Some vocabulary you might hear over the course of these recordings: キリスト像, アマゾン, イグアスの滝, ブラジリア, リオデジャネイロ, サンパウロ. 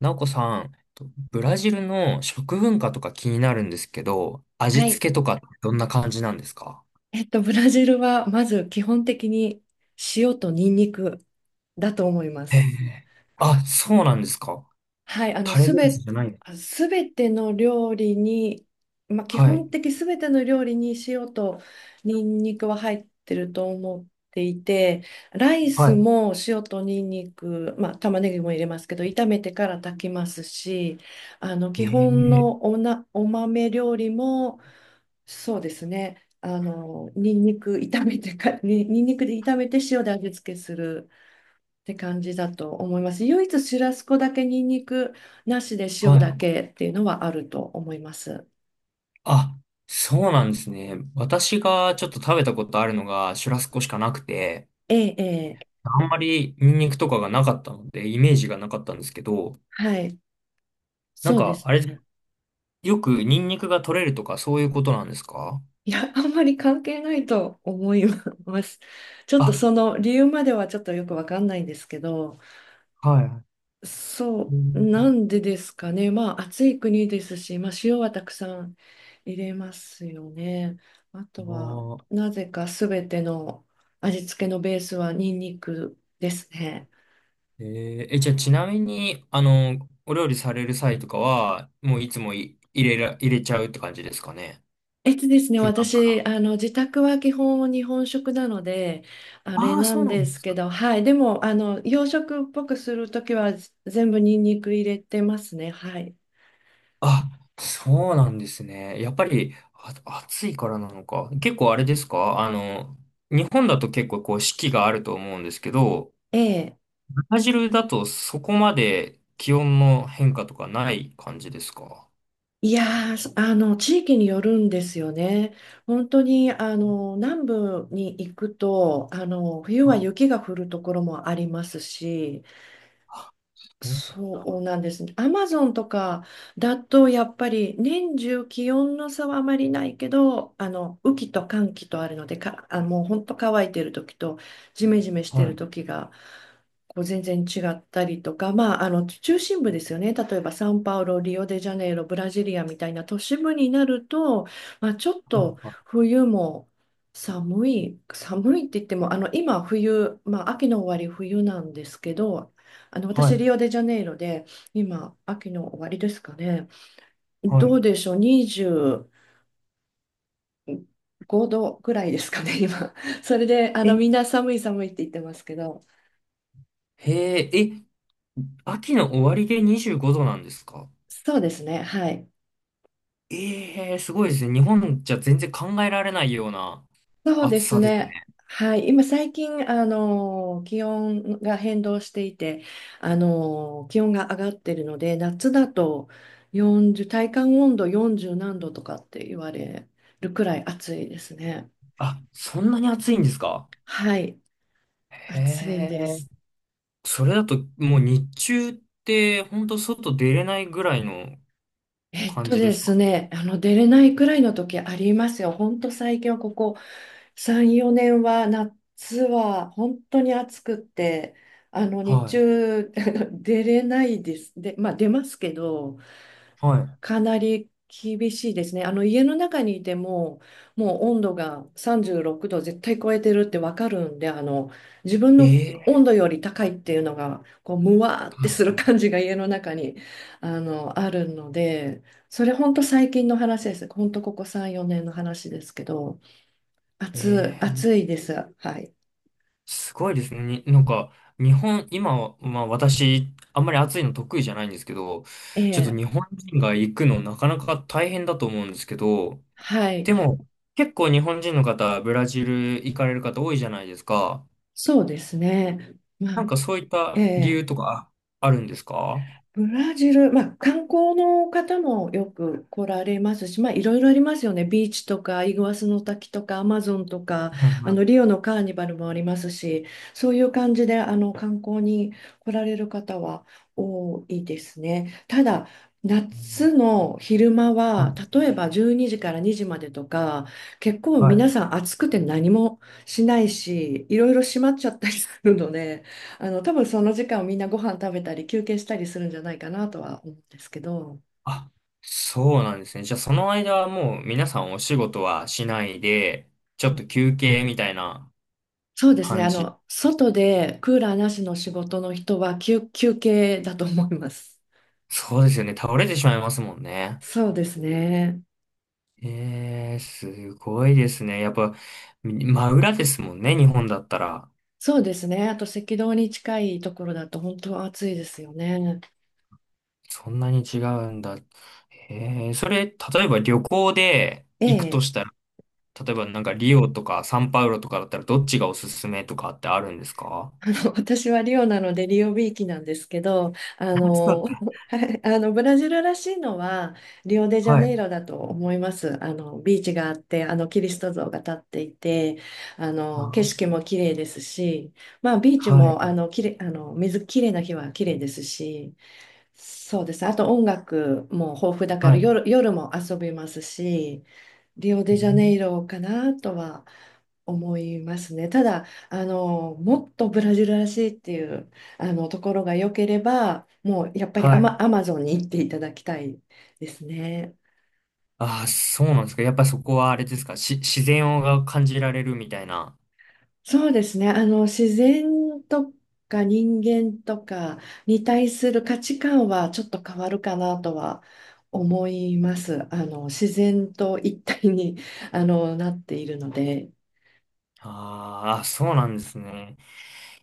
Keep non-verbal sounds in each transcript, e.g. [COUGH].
なおこさん、ブラジルの食文化とか気になるんですけど、味はい。付けとかってどんな感じなんですか？ブラジルはまず基本的に塩とニンニクだと思いまへす。え。あ、そうなんですか。はい、タレベースじゃない。あすべての料理に、基はい。本的すべての料理に塩とニンニクは入ってると思っていて、ライはスい。も塩とニンニク、まあ、玉ねぎも入れますけど、炒めてから炊きますし、え基本え。のお豆料理も、そうですね、ニンニクで炒めて塩で味付けする。って感じだと思います。唯一シュラスコだけニンニクなしでは塩い。だけっていうのはあると思います。あ、そうなんですね。私がちょっと食べたことあるのがシュラスコしかなくて、ええ、ええ、あんまりニンニクとかがなかったので、イメージがなかったんですけど、はい、なそんうでか、すあれ、ね。よくニンニクが取れるとかそういうことなんですか？いや、あんまり関係ないと思います。ちょっとあ、その理由まではちょっとよくわかんないんですけど、はい。うそう、ん。なんでですかね。まあ暑い国ですし、まあ塩はたくさん入れますよね。あとは、あー。なぜかすべての味付けのベースはニンニクですね。え、じゃあちなみに、お料理される際とかは、もういつもい入れら、入れちゃうって感じですかね。普段か私、ら。自宅は基本日本食なので、あれああ、なそうんなでんですすけか。ど、はい、でも、洋食っぽくするときは全部ニンニク入れてますね、はい。あ、そうなんですね。やっぱり、あ、暑いからなのか。結構あれですか、日本だと結構こう四季があると思うんですけど、ええ。ブラジルだとそこまで気温の変化とかない感じですか？いやー、そあの、地域によるんですよね。本当に、南部に行くと、冬ははい。雪が降るところもありますし、そうなんそだ。うなんですね。アマゾンとかだとやっぱり年中気温の差はあまりないけど、あの雨季と乾季とあるので、もう本当乾いてる時とジメジメしはてるい、時がこう全然違ったりとか、まあ、あの中心部ですよね。例えばサンパウロ、リオデジャネイロ、ブラジリアみたいな都市部になると、まあ、ちょっはとい、冬も寒いって言っても、あの今冬、まあ、秋の終わり冬なんですけど、はい。私、はい、リオデジャネイロで、今、秋の終わりですかね。はどい。うでしょう、25度ぐらいですかね、今。[LAUGHS] それで、え、みんな寒い寒いって言ってますけど、へえ、え、秋の終わりで25度なんですか？そうですね、はい。ええー、すごいですね。日本じゃ全然考えられないようなそうで暑すさですね、ね。はい。今、最近、気温が変動していて、気温が上がってるので、夏だと40、体感温度40何度とかって言われるくらい暑いですね。あ、そんなに暑いんですか？はい、へ暑いでえ。す。それだともう日中って本当外出れないぐらいの感じですか？あの出れないくらいの時ありますよ。ほんと最近はここ3、4年は夏は本当に暑くって、あの日はい。中 [LAUGHS] 出れないです。で、まあ出ますけど、はかなり厳しいですね。あの家の中にいても、もう温度が36度絶対超えてるってわかるんで、あの自分の温い。ええ。度より高いっていうのが、こうむわーってすはる感じが [LAUGHS] 家の中にあのあるので、それ本当最近の話です。本当ここ3、4年の話ですけど、い。え暑え。いです。はい。すごいですね。になんか、日本、今は、まあ私、あんまり暑いの得意じゃないんですけど、えちょっとえ、日本人が行くのなかなか大変だと思うんですけど、はい。でも、結構日本人の方、ブラジル行かれる方多いじゃないですか。そうですね。まなんあ、かそういっえた理え由とかあるんですか？はブラジル、まあ、観光の方もよく来られますし、まあ、いろいろありますよね。ビーチとか、イグアスの滝とか、アマゾンとか、い、あはのい、リオのカーニバルもありますし、そういう感じであの観光に来られる方は多いですね。ただ、夏の昼間はは、例えば12時から2時までとか、結構い、は皆い。さん暑くて何もしないし、いろいろ閉まっちゃったりするので、多分その時間をみんなご飯食べたり休憩したりするんじゃないかなとは思うんですけど、あ、そうなんですね。じゃあその間はもう皆さんお仕事はしないで、ちょっと休憩みたいなそうですね、感じ。外でクーラーなしの仕事の人は休憩だと思います。そうですよね。倒れてしまいますもんね。そうですね。すごいですね。やっぱ、真裏ですもんね、日本だったら。そうですね。あと赤道に近いところだと本当は暑いですよね。そんなに違うんだ。それ、例えば旅行で行くとええしたら、例えばなんかリオとかサンパウロとかだったらどっちがおすすめとかってあるんですか？あの [LAUGHS] 私はリオなのでリオビーきなんですけど、あ、そうか。[LAUGHS] はいあのブラジルらしいのはリオデジャはネい。イロだと思います。あのビーチがあって、あのキリスト像が立っていて、あの景あ、色も綺麗ですし、まあビーチはい。もあのきれい、あの水綺麗な日は綺麗ですし、そうです。あと音楽も豊富だからはい。夜、夜も遊びますし、リオうデジャネん。イロかなとは思いますね。ただ、もっとブラジルらしいっていう、ところが良ければ、もうやっぱりアはい。マ、アマゾンに行っていただきたいですね。ああ、そうなんですか。やっぱそこはあれですか。自然が感じられるみたいな。そうですね。自然とか人間とかに対する価値観はちょっと変わるかなとは思います。自然と一体に、[LAUGHS] あの、なっているので。あー、あ、そうなんですね。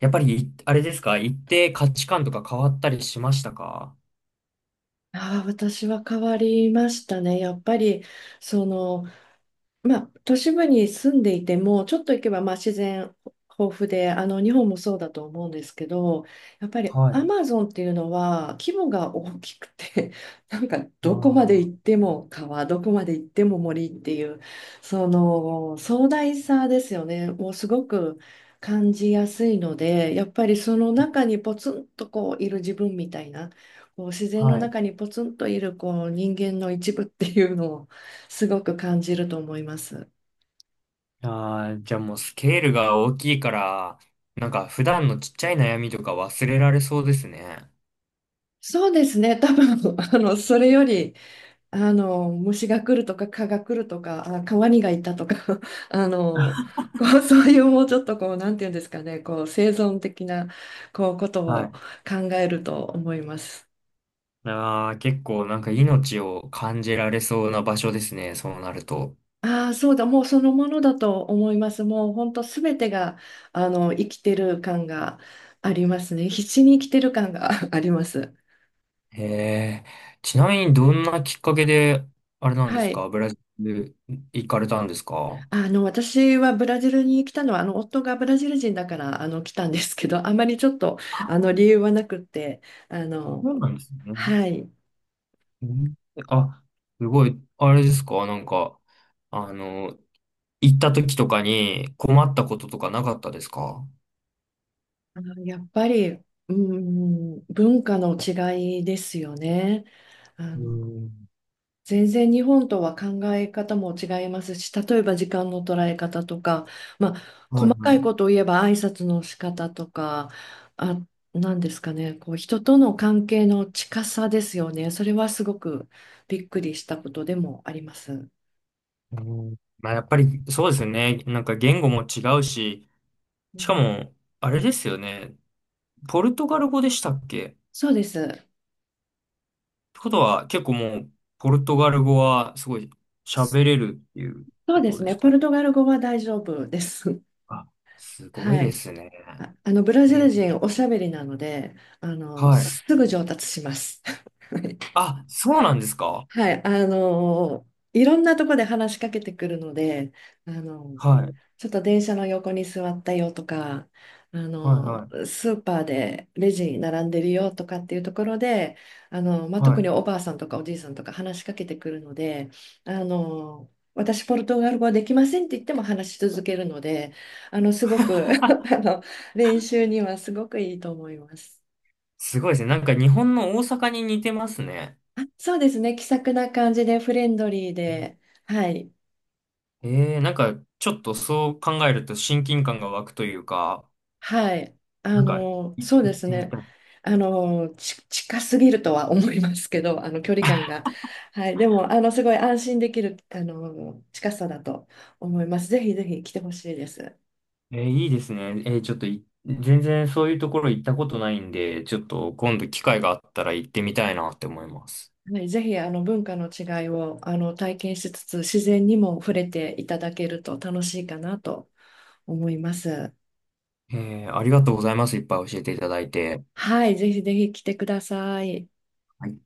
やっぱり、あれですか。行って価値観とか変わったりしましたか？ああ、私は変わりましたね。やっぱり、その、まあ、都市部に住んでいても、ちょっと行けばまあ自然豊富で、あの日本もそうだと思うんですけど、やっぱりはい。アマゾンっていうのは規模が大きくて、[LAUGHS] なんかどこまで行あっあ。ても川、どこまで行っても森っていう、その壮大さですよね、もうすごく感じやすいので、やっぱりその中にポツンとこういる自分みたいな、こう自然のはい。中にポツンといるこう人間の一部っていうのをすごく感じると思います。ああ、じゃあもうスケールが大きいから、なんか普段のちっちゃい悩みとか忘れられそうですね。そうですね、多分 [LAUGHS] あのそれよりあの虫が来るとか蚊が来るとかあ川にがいたとか [LAUGHS] あのこう [LAUGHS] そういうもうちょっとこうなんていうんですかねこう生存的なこうことをは考えると思います。い。ああ、結構なんか命を感じられそうな場所ですね、そうなると。ああそうだもうそのものだと思います。もう本当すべてがあの生きてる感がありますね。必死に生きてる感が [LAUGHS] あります。へえ。ちなみにどんなきっかけで、あれなんではすい。か、ブラジル行かれたんですか？私はブラジルに来たのは、夫がブラジル人だから、来たんですけど、[LAUGHS] あまりちょっと、理由はなくって、あの、そうなんですね。はい、うん。あ、すごい、あれですか、なんか、あの、行った時とかに困ったこととかなかったですか？やっぱり、うん、文化の違いですよね。あうのん。全然日本とは考え方も違いますし、例えば時間の捉え方とか、まあ、はい、細かはいこい。とを言えば挨拶の仕方とか、あ、なんですかね、こう人との関係の近さですよね。それはすごくびっくりしたことでもあります。ううん。まあ、やっぱりそうですよね。なんか言語も違うし、しかん、も、あれですよね。ポルトガル語でしたっけ？ってそうです。ことは、結構もう、ポルトガル語はすごい喋れるっていうそうこでとすでね。すポか？ルトガル語は大丈夫です。あ、す [LAUGHS] ごいはでい。すね。あのブラジえ、ル人おしゃべりなので、あのはい。すぐ上達します。[LAUGHS] はいあ、そうなんですか？はい、あのいろんなとこで話しかけてくるので、あのはい。ちょっと電車の横に座ったよとか、あはい、のはい。スーパーでレジに並んでるよとかっていうところで、あのまあ、は特にい。おばあさんとかおじいさんとか話しかけてくるので、あの私ポルトガル語できませんって言っても話し続けるので、あのすごく [LAUGHS] あの練習にはすごくいいと思います。すごいですね。なんか日本の大阪に似てますね。あ、そうですね、気さくな感じでフレンドリーで。はい、なんかちょっとそう考えると親近感が湧くというか、はい。なんか、そうで行っすてみね。たい。近すぎるとは思いますけど、距離感が。はい。でも、すごい安心できる、近さだと思います。ぜひぜひ来てほしいです。いいですね。ちょっと全然そういうところ行ったことないんで、ちょっと今度機会があったら行ってみたいなって思います。はい。ぜひ、文化の違いを、体験しつつ、自然にも触れていただけると楽しいかなと思います。ありがとうございます。いっぱい教えていただいて。はい。ぜひぜひ来てください。はい